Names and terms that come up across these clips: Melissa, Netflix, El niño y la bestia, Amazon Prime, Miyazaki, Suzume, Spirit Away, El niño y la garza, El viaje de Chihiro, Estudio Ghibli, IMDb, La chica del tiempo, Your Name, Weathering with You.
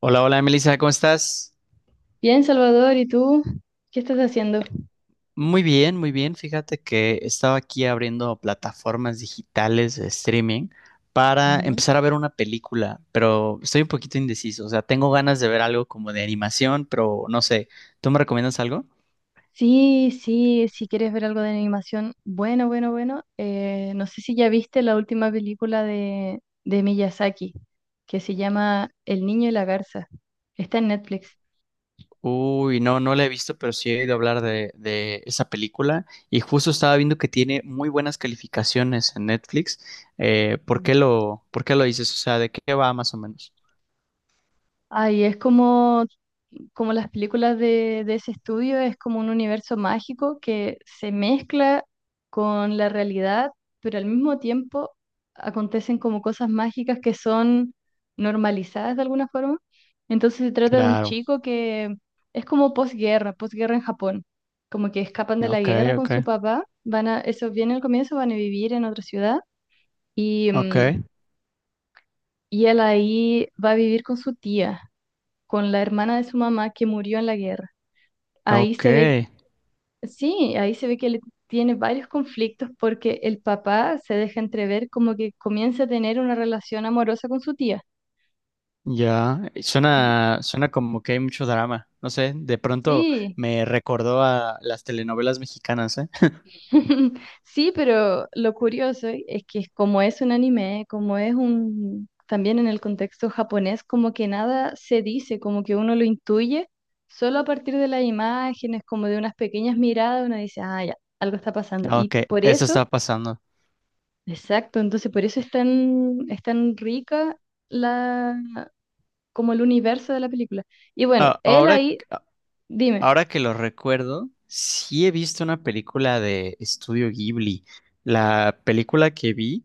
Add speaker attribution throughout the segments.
Speaker 1: Hola, hola, Melissa, ¿cómo estás?
Speaker 2: Bien, Salvador, ¿y tú? ¿Qué estás haciendo?
Speaker 1: Muy bien, muy bien. Fíjate que estaba aquí abriendo plataformas digitales de streaming para
Speaker 2: Ujú.
Speaker 1: empezar a ver una película, pero estoy un poquito indeciso. O sea, tengo ganas de ver algo como de animación, pero no sé. ¿Tú me recomiendas algo?
Speaker 2: Sí, sí, si quieres ver algo de animación, bueno, bueno, bueno. No sé si ya viste la última película de Miyazaki, que se llama El niño y la garza. Está en Netflix.
Speaker 1: Uy, no, no la he visto, pero sí he oído hablar de esa película y justo estaba viendo que tiene muy buenas calificaciones en Netflix.
Speaker 2: Mm.
Speaker 1: Por qué lo dices? O sea, ¿de qué va más o menos?
Speaker 2: Ay, es como como las películas de ese estudio, es como un universo mágico que se mezcla con la realidad, pero al mismo tiempo acontecen como cosas mágicas que son normalizadas de alguna forma. Entonces se trata de un
Speaker 1: Claro,
Speaker 2: chico que es como posguerra, posguerra en Japón, como que escapan de la
Speaker 1: ok,
Speaker 2: guerra
Speaker 1: ok,
Speaker 2: con su papá, van a, eso viene al comienzo, van a vivir en otra ciudad y,
Speaker 1: ok.
Speaker 2: y él ahí va a vivir con su tía, con la hermana de su mamá que murió en la guerra. Ahí
Speaker 1: Ok,
Speaker 2: se ve, sí, ahí se ve que él tiene varios conflictos porque el papá se deja entrever como que comienza a tener una relación amorosa con su tía.
Speaker 1: ya.
Speaker 2: Y-
Speaker 1: Suena, suena como que hay mucho drama. No sé, de pronto
Speaker 2: Sí,
Speaker 1: me recordó a las telenovelas mexicanas, ¿eh?
Speaker 2: sí, pero lo curioso es que como es un anime, como es un, también en el contexto japonés, como que nada se dice, como que uno lo intuye, solo a partir de las imágenes, como de unas pequeñas miradas, uno dice, ah, ya, algo está pasando.
Speaker 1: Ah,
Speaker 2: Y
Speaker 1: ok,
Speaker 2: por
Speaker 1: eso
Speaker 2: eso...
Speaker 1: está pasando.
Speaker 2: Exacto, entonces por eso es tan rica la, como el universo de la película. Y bueno,
Speaker 1: Ah,
Speaker 2: él
Speaker 1: ahora,
Speaker 2: ahí, dime.
Speaker 1: ahora que lo recuerdo, sí he visto una película de Estudio Ghibli. La película que vi,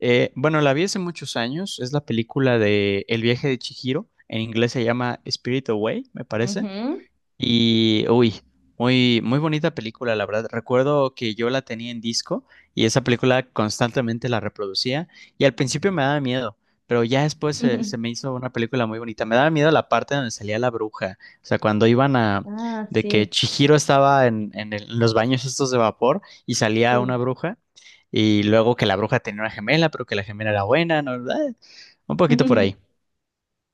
Speaker 1: bueno, la vi hace muchos años, es la película de El viaje de Chihiro. En inglés se llama Spirit Away, me parece.
Speaker 2: Ujú.
Speaker 1: Y, uy, muy, muy bonita película, la verdad. Recuerdo que yo la tenía en disco y esa película constantemente la reproducía, y al principio me daba miedo, pero ya después se me hizo una película muy bonita. Me daba miedo la parte donde salía la bruja, o sea,
Speaker 2: Ah,
Speaker 1: de que
Speaker 2: sí,
Speaker 1: Chihiro estaba en los baños estos de vapor y salía una
Speaker 2: sí.
Speaker 1: bruja, y luego que la bruja tenía una gemela, pero que la gemela era buena, ¿no? Un poquito por ahí.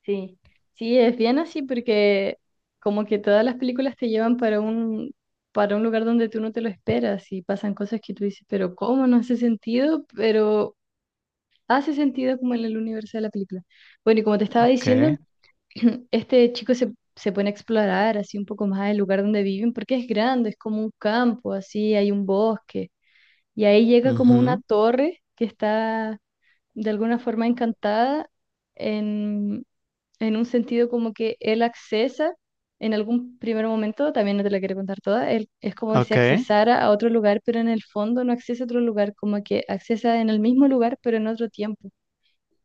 Speaker 2: Sí, sí, es bien así porque como que todas las películas te llevan para un lugar donde tú no te lo esperas y pasan cosas que tú dices, pero ¿cómo? No hace sentido, pero hace sentido como en el universo de la película. Bueno, y como te estaba
Speaker 1: Ok.
Speaker 2: diciendo, este chico se, se pone a explorar así un poco más el lugar donde viven, porque es grande, es como un campo, así hay un bosque, y ahí llega como una
Speaker 1: Ujú.
Speaker 2: torre que está de alguna forma encantada en, en un sentido como que él accesa en algún primer momento, también no te la quiero contar toda, él, es como si
Speaker 1: Ok.
Speaker 2: accesara a otro lugar, pero en el fondo no accesa a otro lugar, como que accesa en el mismo lugar, pero en otro tiempo.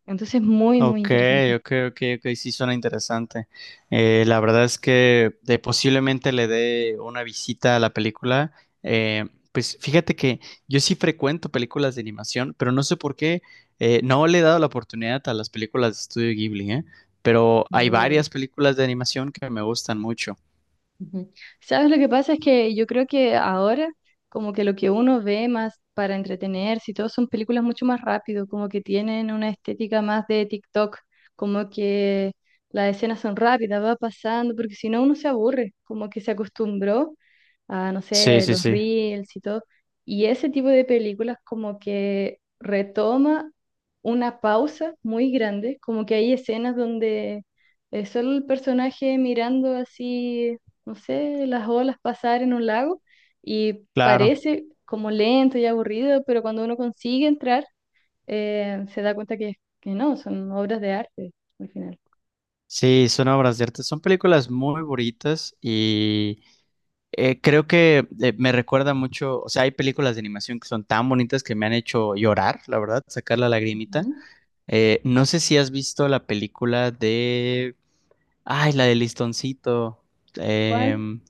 Speaker 2: Entonces, muy, muy
Speaker 1: Ok,
Speaker 2: interesante.
Speaker 1: ok, ok, ok, sí suena interesante. La verdad es que posiblemente le dé una visita a la película. Eh, pues fíjate que yo sí frecuento películas de animación, pero no sé por qué no le he dado la oportunidad a las películas de Estudio Ghibli, ¿eh? Pero hay varias películas de animación que me gustan mucho.
Speaker 2: ¿Sabes? Lo que pasa es que yo creo que ahora como que lo que uno ve más para entretenerse y todo son películas mucho más rápido, como que tienen una estética más de TikTok, como que las escenas son rápidas, va pasando, porque si no uno se aburre, como que se acostumbró a, no
Speaker 1: Sí,
Speaker 2: sé,
Speaker 1: sí,
Speaker 2: los
Speaker 1: sí,
Speaker 2: reels y todo. Y ese tipo de películas como que retoma una pausa muy grande, como que hay escenas donde... Es solo el personaje mirando así no sé, las olas pasar en un lago y
Speaker 1: claro.
Speaker 2: parece como lento y aburrido, pero cuando uno consigue entrar, se da cuenta que no, son obras de arte al final.
Speaker 1: Sí, son obras de arte. Son películas muy bonitas y creo que me recuerda mucho. O sea, hay películas de animación que son tan bonitas que me han hecho llorar, la verdad, sacar la lagrimita.
Speaker 2: Ujú.
Speaker 1: No sé si has visto la película de. Ay, la de Listoncito.
Speaker 2: ¿Cuál?
Speaker 1: Em,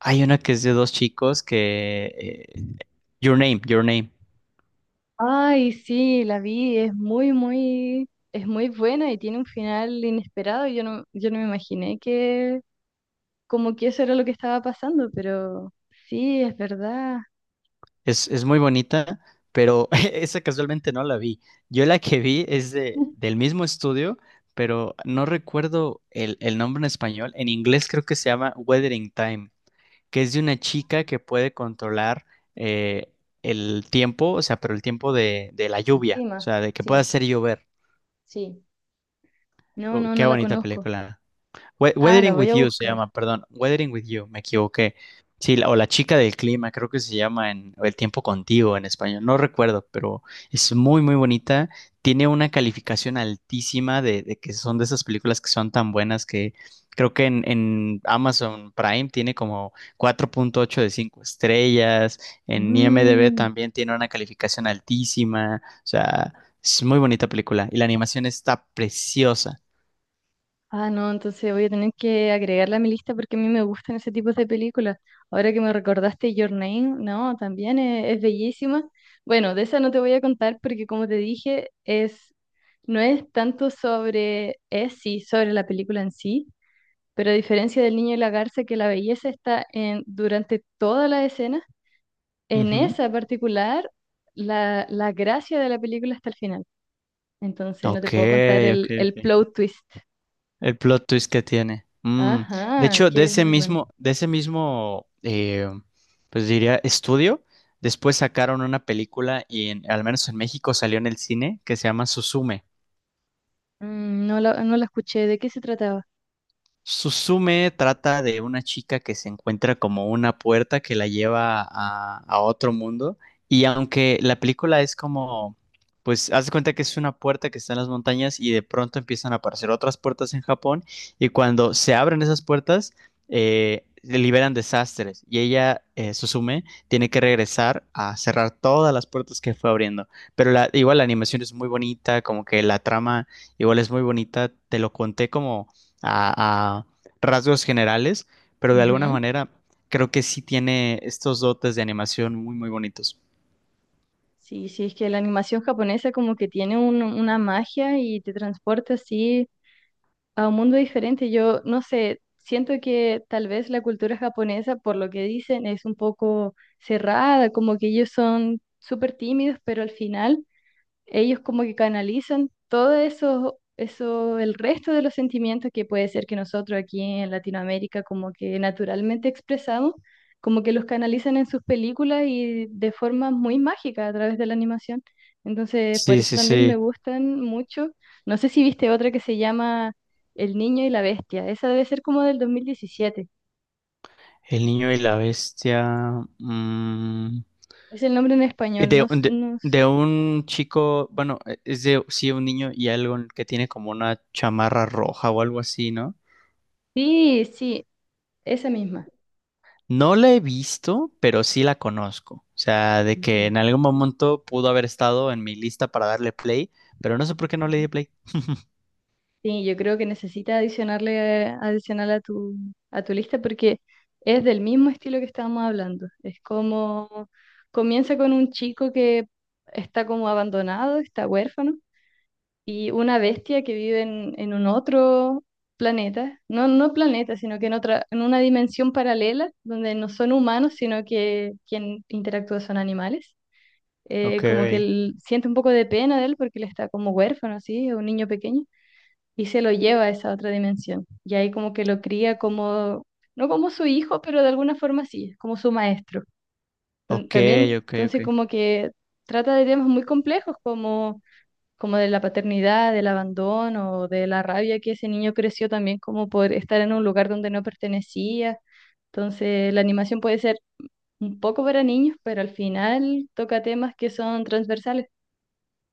Speaker 1: Hay una que es de dos chicos que. Your Name, Your Name.
Speaker 2: Ay, sí, la vi, es muy, muy, es muy buena y tiene un final inesperado. Yo no, yo no me imaginé que como que eso era lo que estaba pasando, pero sí, es verdad.
Speaker 1: Es muy bonita, pero esa casualmente no la vi. Yo la que vi es de, del mismo estudio, pero no recuerdo el nombre en español. En inglés creo que se llama Weathering Time, que es de una chica que puede controlar eh, el tiempo, o sea, pero el tiempo de la
Speaker 2: El
Speaker 1: lluvia, o
Speaker 2: clima,
Speaker 1: sea, de que pueda
Speaker 2: sí,
Speaker 1: hacer llover.
Speaker 2: sí. No,
Speaker 1: Uy,
Speaker 2: no,
Speaker 1: qué
Speaker 2: no la
Speaker 1: bonita
Speaker 2: conozco.
Speaker 1: película.
Speaker 2: Ah, la
Speaker 1: Weathering
Speaker 2: voy
Speaker 1: with
Speaker 2: a
Speaker 1: You se
Speaker 2: buscar.
Speaker 1: llama, perdón, Weathering with You, me equivoqué. Sí, o La chica del clima, creo que se llama, en o El tiempo contigo en español, no recuerdo, pero es muy, muy bonita. Tiene una calificación altísima de que son de esas películas que son tan buenas que creo que en Amazon Prime tiene como 4.8 de 5 estrellas, en IMDb
Speaker 2: Mm.
Speaker 1: también tiene una calificación altísima. O sea, es muy bonita película y la animación está preciosa.
Speaker 2: Ah, no, entonces voy a tener que agregarla a mi lista porque a mí me gustan ese tipo de películas. Ahora que me recordaste Your Name, no, también es bellísima. Bueno, de esa no te voy a contar porque como te dije, es, no es tanto sobre, es sí, sobre la película en sí, pero a diferencia del niño y la garza, que la belleza está en, durante toda la escena, en
Speaker 1: Ujú.
Speaker 2: esa particular, la gracia de la película está al final. Entonces no te
Speaker 1: Ok,
Speaker 2: puedo contar
Speaker 1: ok,
Speaker 2: el
Speaker 1: ok.
Speaker 2: plot twist.
Speaker 1: El plot twist que tiene. De
Speaker 2: Ajá,
Speaker 1: hecho, de
Speaker 2: que es
Speaker 1: ese
Speaker 2: muy bueno.
Speaker 1: mismo, de ese mismo, pues diría, estudio, después sacaron una película y al menos en México salió en el cine, que se llama Suzume.
Speaker 2: Mm, no la, no la escuché, ¿de qué se trataba?
Speaker 1: Suzume trata de una chica que se encuentra como una puerta que la lleva a otro mundo. Y aunque la película es como, pues, haz de cuenta que es una puerta que está en las montañas y de pronto empiezan a aparecer otras puertas en Japón. Y cuando se abren esas puertas, liberan desastres. Y ella, Suzume, tiene que regresar a cerrar todas las puertas que fue abriendo. Pero igual la animación es muy bonita, como que la trama igual es muy bonita. Te lo conté como a rasgos generales, pero de alguna
Speaker 2: Ujú.
Speaker 1: manera creo que sí tiene estos dotes de animación muy, muy bonitos.
Speaker 2: Sí, sí, es que la animación japonesa como que tiene un- una magia y te transporta así a un mundo diferente. Yo no sé, siento que tal vez la cultura japonesa, por lo que dicen, es un poco cerrada, como que ellos son súper tímidos, pero al final ellos como que canalizan todo eso, eso, el resto de los sentimientos que puede ser que nosotros aquí en Latinoamérica como que naturalmente expresamos, como que los canalizan en sus películas y de forma muy mágica a través de la animación. Entonces, por
Speaker 1: Sí,
Speaker 2: eso
Speaker 1: sí,
Speaker 2: también me
Speaker 1: sí.
Speaker 2: gustan mucho. No sé si viste otra que se llama El niño y la bestia. Esa debe ser como del 2017.
Speaker 1: El niño y la bestia. mm,
Speaker 2: Es el nombre en español. No,
Speaker 1: de, de-
Speaker 2: no sé.
Speaker 1: de un chico, bueno, es de sí, un niño y algo que tiene como una chamarra roja o algo así, ¿no?
Speaker 2: Sí, sí, esa misma.
Speaker 1: No la he visto, pero sí la conozco. O sea, de que
Speaker 2: Ujú.
Speaker 1: en algún momento pudo haber estado en mi lista para darle play, pero no sé por qué no le di play.
Speaker 2: Sí, yo creo que necesitas adicionarle, adicional a tu lista porque es del mismo estilo que estábamos hablando. Es como comienza con un chico que está como abandonado, está huérfano, y una bestia que vive en un otro planeta, no, no planeta, sino que en otra, en una dimensión paralela donde no son humanos, sino que quien interactúa son animales.
Speaker 1: Ok.
Speaker 2: Como que él siente un poco de pena de él porque él está como huérfano, así, es un niño pequeño y se lo lleva a esa otra dimensión. Y ahí como que lo cría como, no como su hijo, pero de alguna forma sí, como su maestro.
Speaker 1: Ok,
Speaker 2: También,
Speaker 1: ok, ok.
Speaker 2: entonces como que trata de temas muy complejos como, como de la paternidad, del abandono, de la rabia que ese niño creció también como por estar en un lugar donde no pertenecía. Entonces la animación puede ser un poco para niños, pero al final toca temas que son transversales.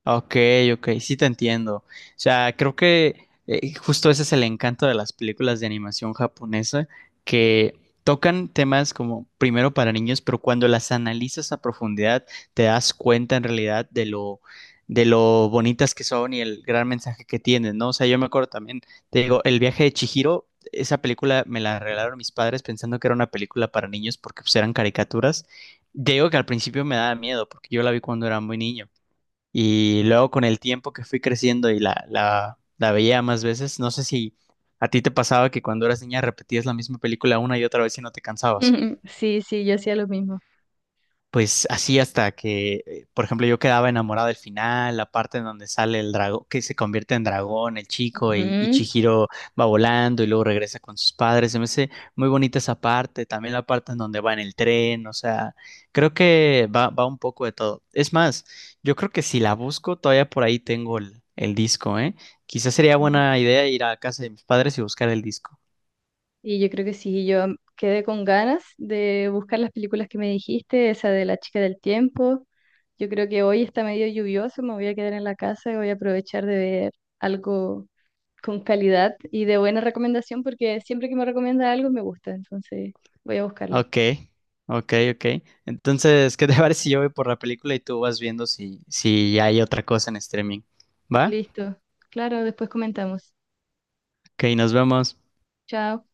Speaker 1: Ok, ok, sí te entiendo. O sea, creo que justo ese es el encanto de las películas de animación japonesa, que tocan temas como primero para niños, pero cuando las analizas a profundidad te das cuenta en realidad de lo bonitas que son y el gran mensaje que tienen, ¿no? O sea, yo me acuerdo también, te digo, El viaje de Chihiro, esa película me la regalaron mis padres pensando que era una película para niños porque pues eran caricaturas. Te digo que al principio me daba miedo porque yo la vi cuando era muy niño. Y luego con el tiempo que fui creciendo y la veía más veces, no sé si a ti te pasaba que cuando eras niña repetías la misma película una y otra vez y no te cansabas,
Speaker 2: Sí, sí, yo hacía lo mismo.
Speaker 1: pues así, hasta que, por ejemplo, yo quedaba enamorado del final, la parte en donde sale el dragón, que se convierte en dragón, el chico, y Chihiro va volando y luego regresa con sus padres. Se me hace muy bonita esa parte, también la parte en donde va en el tren. O sea, creo que va un poco de todo. Es más, yo creo que si la busco, todavía por ahí tengo el disco, ¿eh? Quizás sería buena
Speaker 2: Ujú.
Speaker 1: idea ir a casa de mis padres y buscar el disco.
Speaker 2: Y yo creo que sí, yo quedé con ganas de buscar las películas que me dijiste, esa de La chica del tiempo. Yo creo que hoy está medio lluvioso, me voy a quedar en la casa y voy a aprovechar de ver algo con calidad y de buena recomendación, porque siempre que me recomienda algo me gusta, entonces voy a buscarlo.
Speaker 1: Ok, ok, ok. Entonces, ¿qué te parece si yo voy por la película y tú vas viendo si hay otra cosa en streaming? ¿Va?
Speaker 2: Listo. Claro, después comentamos.
Speaker 1: Ok, nos vemos.
Speaker 2: Chao.